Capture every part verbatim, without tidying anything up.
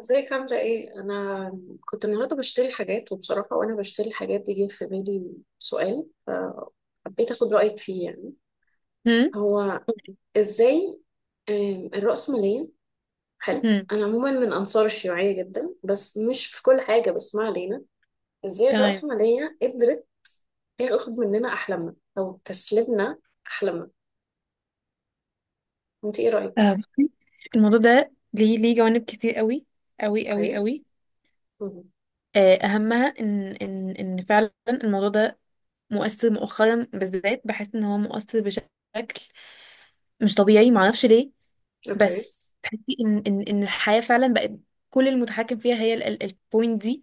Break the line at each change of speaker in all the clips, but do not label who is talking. ازيك عاملة ايه؟ أنا كنت النهاردة بشتري حاجات، وبصراحة وأنا بشتري الحاجات دي جه في بالي سؤال، فحبيت أخد رأيك فيه. يعني
هم.
هو ازاي آم، الرأسمالية حلو.
هم.
أنا عموما من أنصار الشيوعية جدا، بس مش في كل حاجة، بس ما علينا. ازاي
تمام.
الرأسمالية قدرت تاخد مننا أحلامنا أو تسلبنا أحلامنا؟ أنت ايه رأيك؟
آه، بصي، الموضوع ده ليه ليه جوانب كتير قوي قوي قوي
اوكي.
قوي.
مم.
آه، اهمها ان ان ان فعلا الموضوع ده مؤثر مؤخرا بالذات، بحس ان هو مؤثر بشكل مش طبيعي، معرفش ليه.
اوكي.
بس تحسي ان ان ان الحياة فعلا بقت كل المتحكم فيها هي البوينت دي.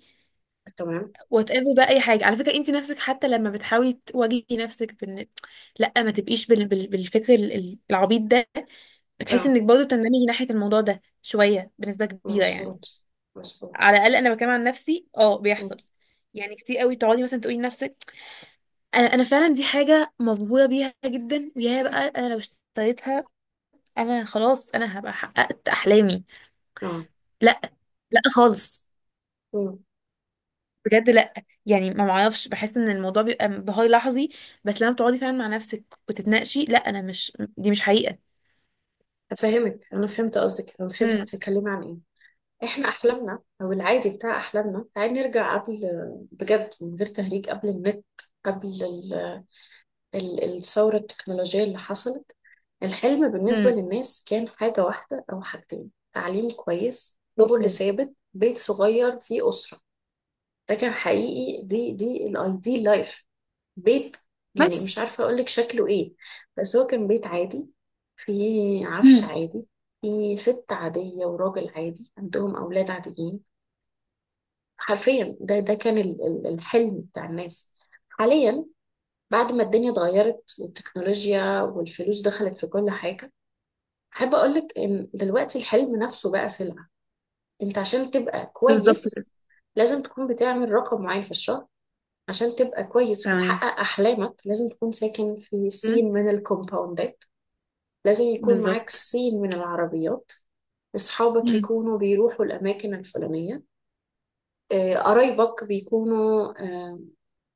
تمام.
وات ايفر بقى، اي حاجه، على فكره انت نفسك حتى لما بتحاولي تواجهي نفسك بان لا ما تبقيش بال... بال... بالفكر ال- ال- العبيط ده، بتحسي
اه،
انك برضه بتندمجي ناحية الموضوع ده شوية بنسبة كبيرة يعني.
مظبوط مظبوط.
على الأقل أنا بتكلم عن نفسي، اه بيحصل.
مم.
يعني كتير قوي تقعدي مثلا تقولي لنفسك أنا أنا فعلا دي حاجة مبهورة بيها جدا، ويا بقى أنا لو اشتريتها أنا خلاص، أنا هبقى حققت أحلامي.
اه،
لا، لا خالص، بجد لا. يعني ما معرفش، بحس ان الموضوع بيبقى انبهار لحظي، بس لما بتقعدي فعلا مع نفسك وتتناقشي، لا، انا مش، دي مش حقيقة.
فاهمك، انا فهمت قصدك، انا فهمت
هم.
بتتكلمي عن ايه. احنا احلامنا او العادي بتاع احلامنا، تعالي نرجع قبل، بجد من غير تهريج، قبل النت، قبل ال... ال... الثوره التكنولوجيه اللي حصلت. الحلم بالنسبه
هم.
للناس كان حاجه واحده او حاجتين: تعليم كويس، شغل
اوكي
ثابت، بيت صغير فيه اسره. ده كان حقيقي، دي دي الايديال لايف. بيت، يعني
بس.
مش عارفة اقولك شكله ايه، بس هو كان بيت عادي، فيه عفش
مم.
عادي، فيه ست عادية وراجل عادي عندهم أولاد عاديين. حرفيا ده ده كان ال- ال- الحلم بتاع الناس. حاليا، بعد ما الدنيا اتغيرت والتكنولوجيا والفلوس دخلت في كل حاجة، أحب أقولك إن دلوقتي الحلم نفسه بقى سلعة. أنت عشان تبقى
بالظبط كده.
كويس لازم تكون بتعمل رقم معين في الشهر. عشان تبقى كويس
تمام.
وتحقق أحلامك لازم تكون ساكن في سين من الكومباوندات، لازم يكون معاك
بالظبط.
سين من العربيات، أصحابك
مم.
يكونوا بيروحوا الأماكن الفلانية. آه، قرايبك بيكونوا، آه،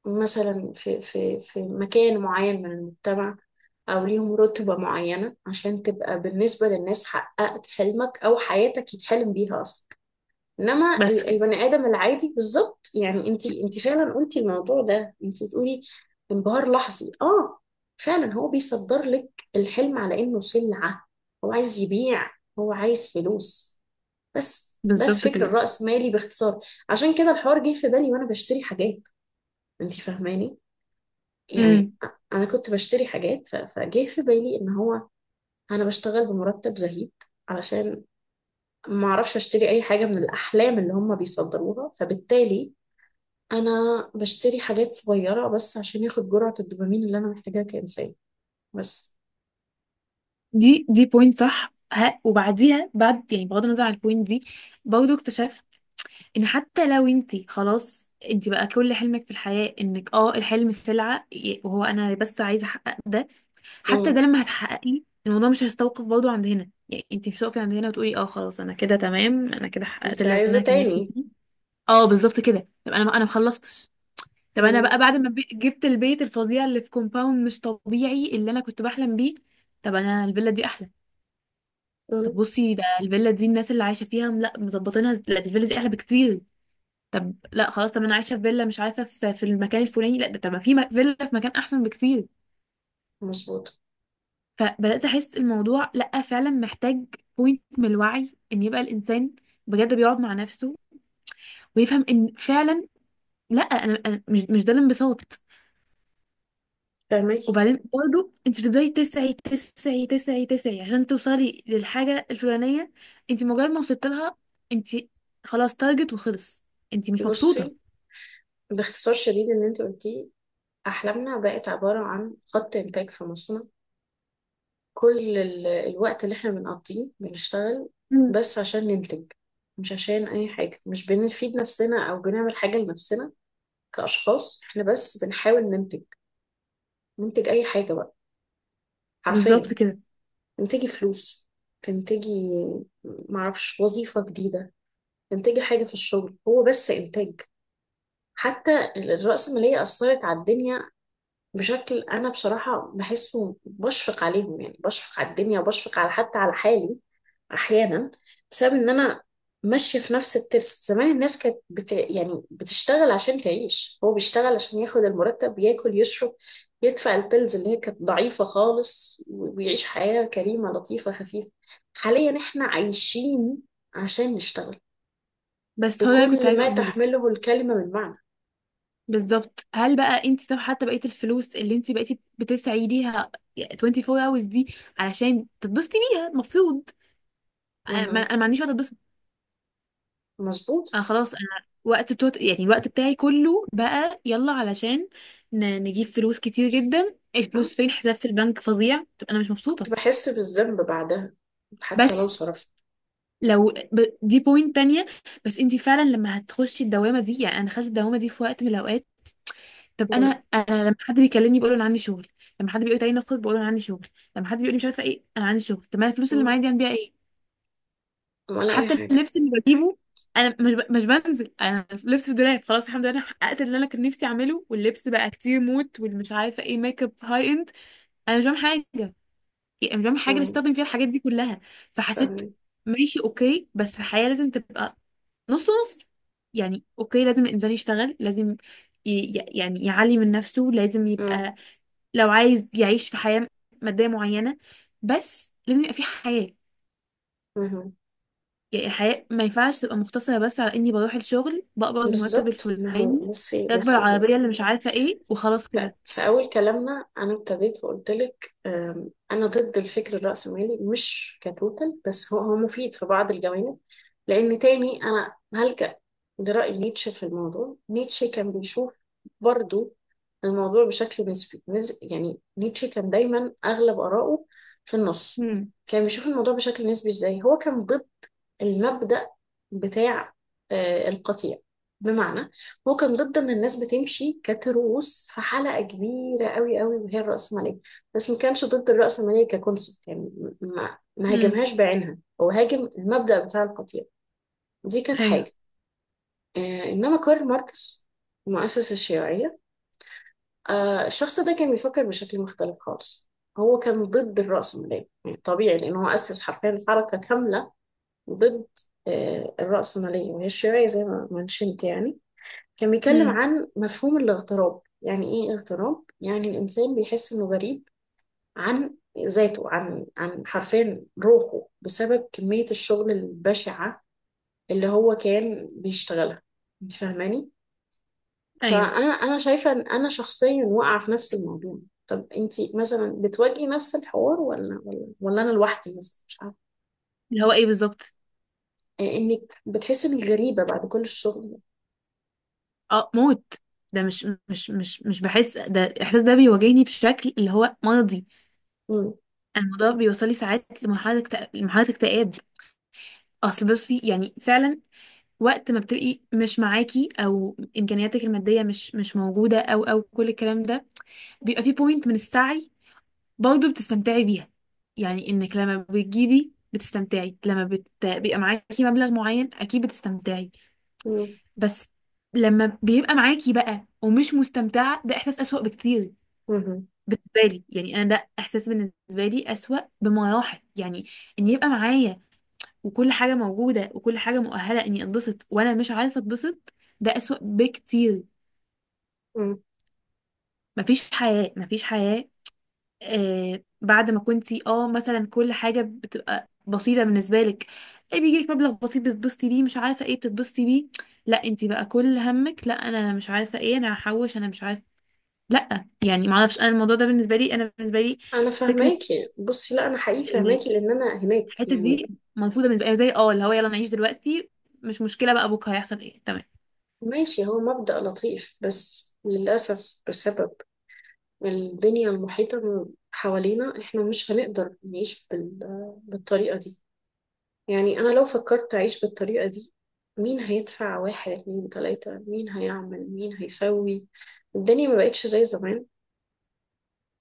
مثلا في, في, في مكان معين من المجتمع، أو ليهم رتبة معينة، عشان تبقى بالنسبة للناس حققت حلمك أو حياتك يتحلم بيها أصلا. انما
بس
ال-
كده.
البني ادم العادي بالظبط، يعني انت انت فعلا قلتي الموضوع ده، انت بتقولي انبهار لحظي. اه، فعلا هو بيصدر لك الحلم على انه سلعه. هو عايز يبيع، هو عايز فلوس. بس ده
بالظبط
الفكر
كده.
الرأسمالي باختصار. عشان كده الحوار جه في بالي وانا بشتري حاجات، انت فاهماني؟ يعني
مم.
أ- انا كنت بشتري حاجات ف- فجه في بالي ان هو انا بشتغل بمرتب زهيد، علشان ما اعرفش اشتري اي حاجه من الاحلام اللي هم بيصدروها. فبالتالي انا بشتري حاجات صغيرة بس عشان ياخد جرعة الدوبامين اللي انا محتاجاها كإنسان. بس.
دي دي بوينت صح ها، وبعديها بعد يعني بغض النظر عن البوينت دي، برضه اكتشفت ان حتى لو انت خلاص انت بقى كل حلمك في الحياة انك، اه الحلم سلعة، ي- وهو انا بس عايزة احقق ده، حتى ده
امم
لما هتحققي الموضوع مش هيستوقف برضه عند هنا. يعني انت مش هتقفي عند هنا وتقولي اه خلاص انا كده تمام، انا كده حققت
انت
اللي
عايزة
انا كان نفسي
تاني.
فيه. اه بالظبط كده، يبقى انا انا ما خلصتش. طب انا بقى
امم.
بعد ما بي- جبت البيت الفظيع اللي في كومباوند مش طبيعي اللي انا كنت بحلم بيه، طب انا الفيلا دي احلى. طب
امم،
بصي، ده الفيلا دي الناس اللي عايشه فيها لا مظبطينها، ز- لا دي الفيلا دي احلى بكتير. طب لا خلاص، طب انا عايشه في فيلا مش عارفه في, في المكان الفلاني، لا ده طب ما في م- فيلا في مكان احسن بكتير.
مظبوط.
فبدات احس الموضوع لا فعلا محتاج بوينت من الوعي ان يبقى الانسان بجد بيقعد مع نفسه ويفهم ان فعلا لا انا، أنا مش مش ده الانبساط.
فاهمك.
وبعدين برضه انت بتفضلي تسعي تسعي تسعي تسعي عشان توصلي للحاجة الفلانية، انت مجرد ما وصلت لها، انت خلاص تارجت وخلص، انت مش
بصي،
مبسوطة.
باختصار شديد اللي انت قلتيه، احلامنا بقت عبارة عن خط انتاج في مصنع. كل ال- الوقت اللي احنا بنقضيه بنشتغل
مم.
بس عشان ننتج، مش عشان اي حاجة، مش بنفيد نفسنا او بنعمل حاجة لنفسنا كأشخاص، احنا بس بنحاول ننتج. ننتج اي حاجة بقى، حرفيا.
بالظبط كده.
تنتجي فلوس، تنتجي معرفش وظيفة جديدة، تنتجي حاجة في الشغل، هو بس إنتاج. حتى الرأسمالية أثرت على الدنيا بشكل أنا بصراحة بحسه، بشفق عليهم، يعني بشفق على الدنيا وبشفق على حتى على حالي احيانا، بسبب ان انا ماشيه في نفس الترس. زمان الناس كانت بت... يعني بتشتغل عشان تعيش، هو بيشتغل عشان ياخد المرتب، ياكل يشرب، يدفع البيلز اللي هي كانت ضعيفه خالص، و- ويعيش حياه كريمه لطيفه خفيفه. حاليا احنا عايشين عشان نشتغل،
بس هو ده اللي كنت
بكل
عايزة
ما
اقوله لك.
تحمله الكلمه من معنى.
بالظبط، هل بقى انت طب حتى بقية الفلوس اللي انت بقيتي بتسعي ليها أربعة وعشرين hours دي علشان تتبسطي بيها المفروض؟ انا ما-
مهم.
انا ما عنديش وقت اتبسط.
مظبوط.
انا خلاص انا وقت التوت... يعني الوقت بتاعي كله بقى يلا علشان ن... نجيب فلوس كتير جدا،
أه؟
الفلوس فين، الحساب في البنك فظيع، طب انا مش
كنت
مبسوطة.
بحس بالذنب بعدها حتى لو
بس
صرفت.
لو ب... دي بوينت تانية. بس انتي فعلا لما هتخشي الدوامة دي، يعني انا دخلت الدوامة دي في وقت من الاوقات. طب انا
مم.
انا لما حد بيكلمني بقول له انا عندي شغل، لما حد بيقول لي تعالي نخرج بقول له انا عندي شغل، لما حد بيقول لي مش عارفه ايه انا عندي شغل، طب ما الفلوس اللي
مم.
معايا دي اعمل بيها ايه؟
ولا اي
حتى
حاجه.
اللبس اللي بجيبه، انا مش ب... مش بنزل، انا لبس في الدولاب خلاص، الحمد لله انا حققت اللي انا كان نفسي اعمله، واللبس بقى كتير موت والمش عارفه ايه ميك اب هاي اند، انا مش بعمل حاجه، يعني مش بعمل حاجه اللي
مم.
استخدم فيها الحاجات دي كلها. فحسيت
فاهمة.
ماشي اوكي بس الحياه لازم تبقى نص نص. يعني اوكي لازم الانسان يشتغل، لازم ي... ي- يعني يعلي من نفسه، لازم
مم.
يبقى لو عايز يعيش في حياه ماديه معينه، بس لازم يبقى في حياه.
مهم.
يعني الحياة ما ينفعش تبقى مقتصرة بس على إني بروح الشغل بقبض المرتب
بالظبط. ما هو
الفلاني،
بصي
راكبة
بصي.
العربية اللي مش عارفة إيه، وخلاص
ف-
كده.
في أول كلامنا أنا ابتديت وقلت لك، أم، أنا ضد الفكر الرأسمالي، مش كتوتال، بس هو هو مفيد في بعض الجوانب. لأن تاني أنا هلجأ لرأي نيتشه في الموضوع. نيتشه كان بيشوف برضو الموضوع بشكل نسبي، نس- يعني نيتشه كان دايما أغلب آراءه في النص.
امم.
كان بيشوف الموضوع بشكل نسبي. إزاي هو كان ضد المبدأ بتاع آه، القطيع؟ بمعنى هو كان ضد ان الناس بتمشي كتروس في حلقة كبيرة قوي قوي وهي الرأسمالية، بس ما كانش ضد الرأسمالية ككونسبت، يعني ما ما
امم.
هاجمهاش بعينها، هو هاجم المبدأ بتاع القطيع. دي كانت
أيوه.
حاجة. آه، انما كارل ماركس مؤسس الشيوعية، آه، الشخص ده كان بيفكر بشكل مختلف خالص. هو كان ضد الرأسمالية، يعني طبيعي، لأنه هو أسس حرفيا حركة كاملة ضد آه، الرأسمالية، وهي الشيوعية زي ما منشنت. يعني كان بيتكلم
امم.
عن مفهوم الاغتراب. يعني ايه اغتراب؟ يعني الإنسان بيحس إنه غريب عن ذاته، عن عن حرفيا روحه، بسبب كمية الشغل البشعة اللي هو كان بيشتغلها. انت فاهماني؟
أيوه.
فأنا أنا شايفة إن أنا شخصيا واقعة في نفس الموضوع. طب انت مثلا بتواجهي نفس الحوار ولا ولا ولا انا لوحدي، مثلا مش عارفه.
اللي هو إيه بالظبط؟
آه، انك بتحسي انك غريبه بعد كل الشغل
أه موت، ده مش مش مش مش بحس، ده الإحساس ده بيواجهني بشكل اللي هو مرضي.
ده.
أنا الموضوع بيوصلي ساعات لمرحلة اكتئاب، لمرحلة اكتئاب. أصل بصي يعني فعلا، وقت ما بتبقي مش معاكي او امكانياتك الماديه مش مش موجوده او او كل الكلام ده، بيبقى في بوينت من السعي برضه بتستمتعي بيها. يعني انك لما بتجيبي بتستمتعي، لما بت... بيبقى معاكي مبلغ معين اكيد بتستمتعي.
مم.
بس لما بيبقى معاكي بقى ومش مستمتعة، ده احساس اسوأ بكتير
مم.
بالنسبة لي. يعني انا ده احساس بالنسبة لي اسوأ بمراحل، يعني ان يبقى معايا وكل حاجة موجودة وكل حاجة مؤهلة اني اتبسط وانا مش عارفة اتبسط، ده اسوأ بكتير.
مم.
مفيش حياة، مفيش حياة. آه بعد ما كنتي اه مثلا كل حاجة بتبقى بسيطة بالنسبة لك، ايه بيجيلك مبلغ بسيط بتتبسطي بيه، مش عارفة ايه بتتبسطي بيه، لا انتي بقى كل همك لا انا مش عارفة ايه انا هحوش انا مش عارفة. لا يعني معرفش، انا الموضوع ده بالنسبة لي، انا بالنسبة لي
انا
فكرة
فهماكي، بصي، لا انا حقيقي فهماكي، لان انا هناك
الحتة
يعني.
دي مرفوضة بالنسبة لي، اه اللي هو يلا نعيش دلوقتي، مش مشكلة بقى بكرة هيحصل ايه، تمام.
ماشي، هو مبدأ لطيف، بس للأسف بسبب الدنيا المحيطة حوالينا احنا مش هنقدر نعيش بال... بالطريقة دي. يعني انا لو فكرت اعيش بالطريقة دي، مين هيدفع؟ واحد اتنين تلاتة، مين هيعمل، مين هيسوي؟ الدنيا ما بقتش زي زمان،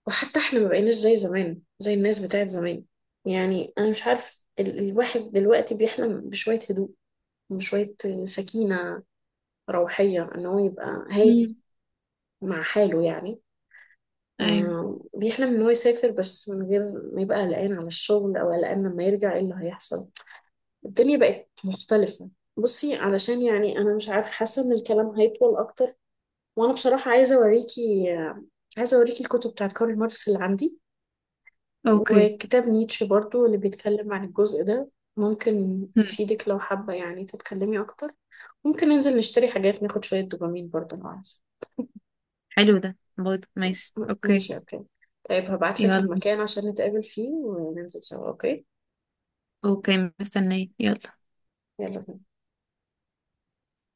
وحتى احنا ما بقيناش زي زمان، زي الناس بتاعت زمان. يعني انا مش عارف، ال الواحد دلوقتي بيحلم بشوية هدوء، بشوية سكينة روحية، ان هو يبقى
مم.
هادي مع حاله يعني.
ايوه.
آه، بيحلم ان هو يسافر بس من غير ما يبقى قلقان على الشغل او قلقان لما يرجع ايه اللي هيحصل. الدنيا بقت مختلفة. بصي علشان، يعني انا مش عارف، حاسة ان الكلام هيطول اكتر، وانا بصراحة عايزة اوريكي، آه، عايزة اوريكي الكتب بتاعت كارل ماركس اللي عندي،
اوكي.
وكتاب نيتشه برضو اللي بيتكلم عن الجزء ده. ممكن
هم.
يفيدك لو حابة يعني تتكلمي أكتر. ممكن ننزل نشتري حاجات، ناخد شوية دوبامين برضو لو عايزة.
حلو ده برضه، ماشي
م-
اوكي.
ماشي أوكي. طيب هبعتلك
يلا.
المكان عشان نتقابل فيه وننزل سوا، أوكي؟
اوكي مستنية، يلا.
يلا.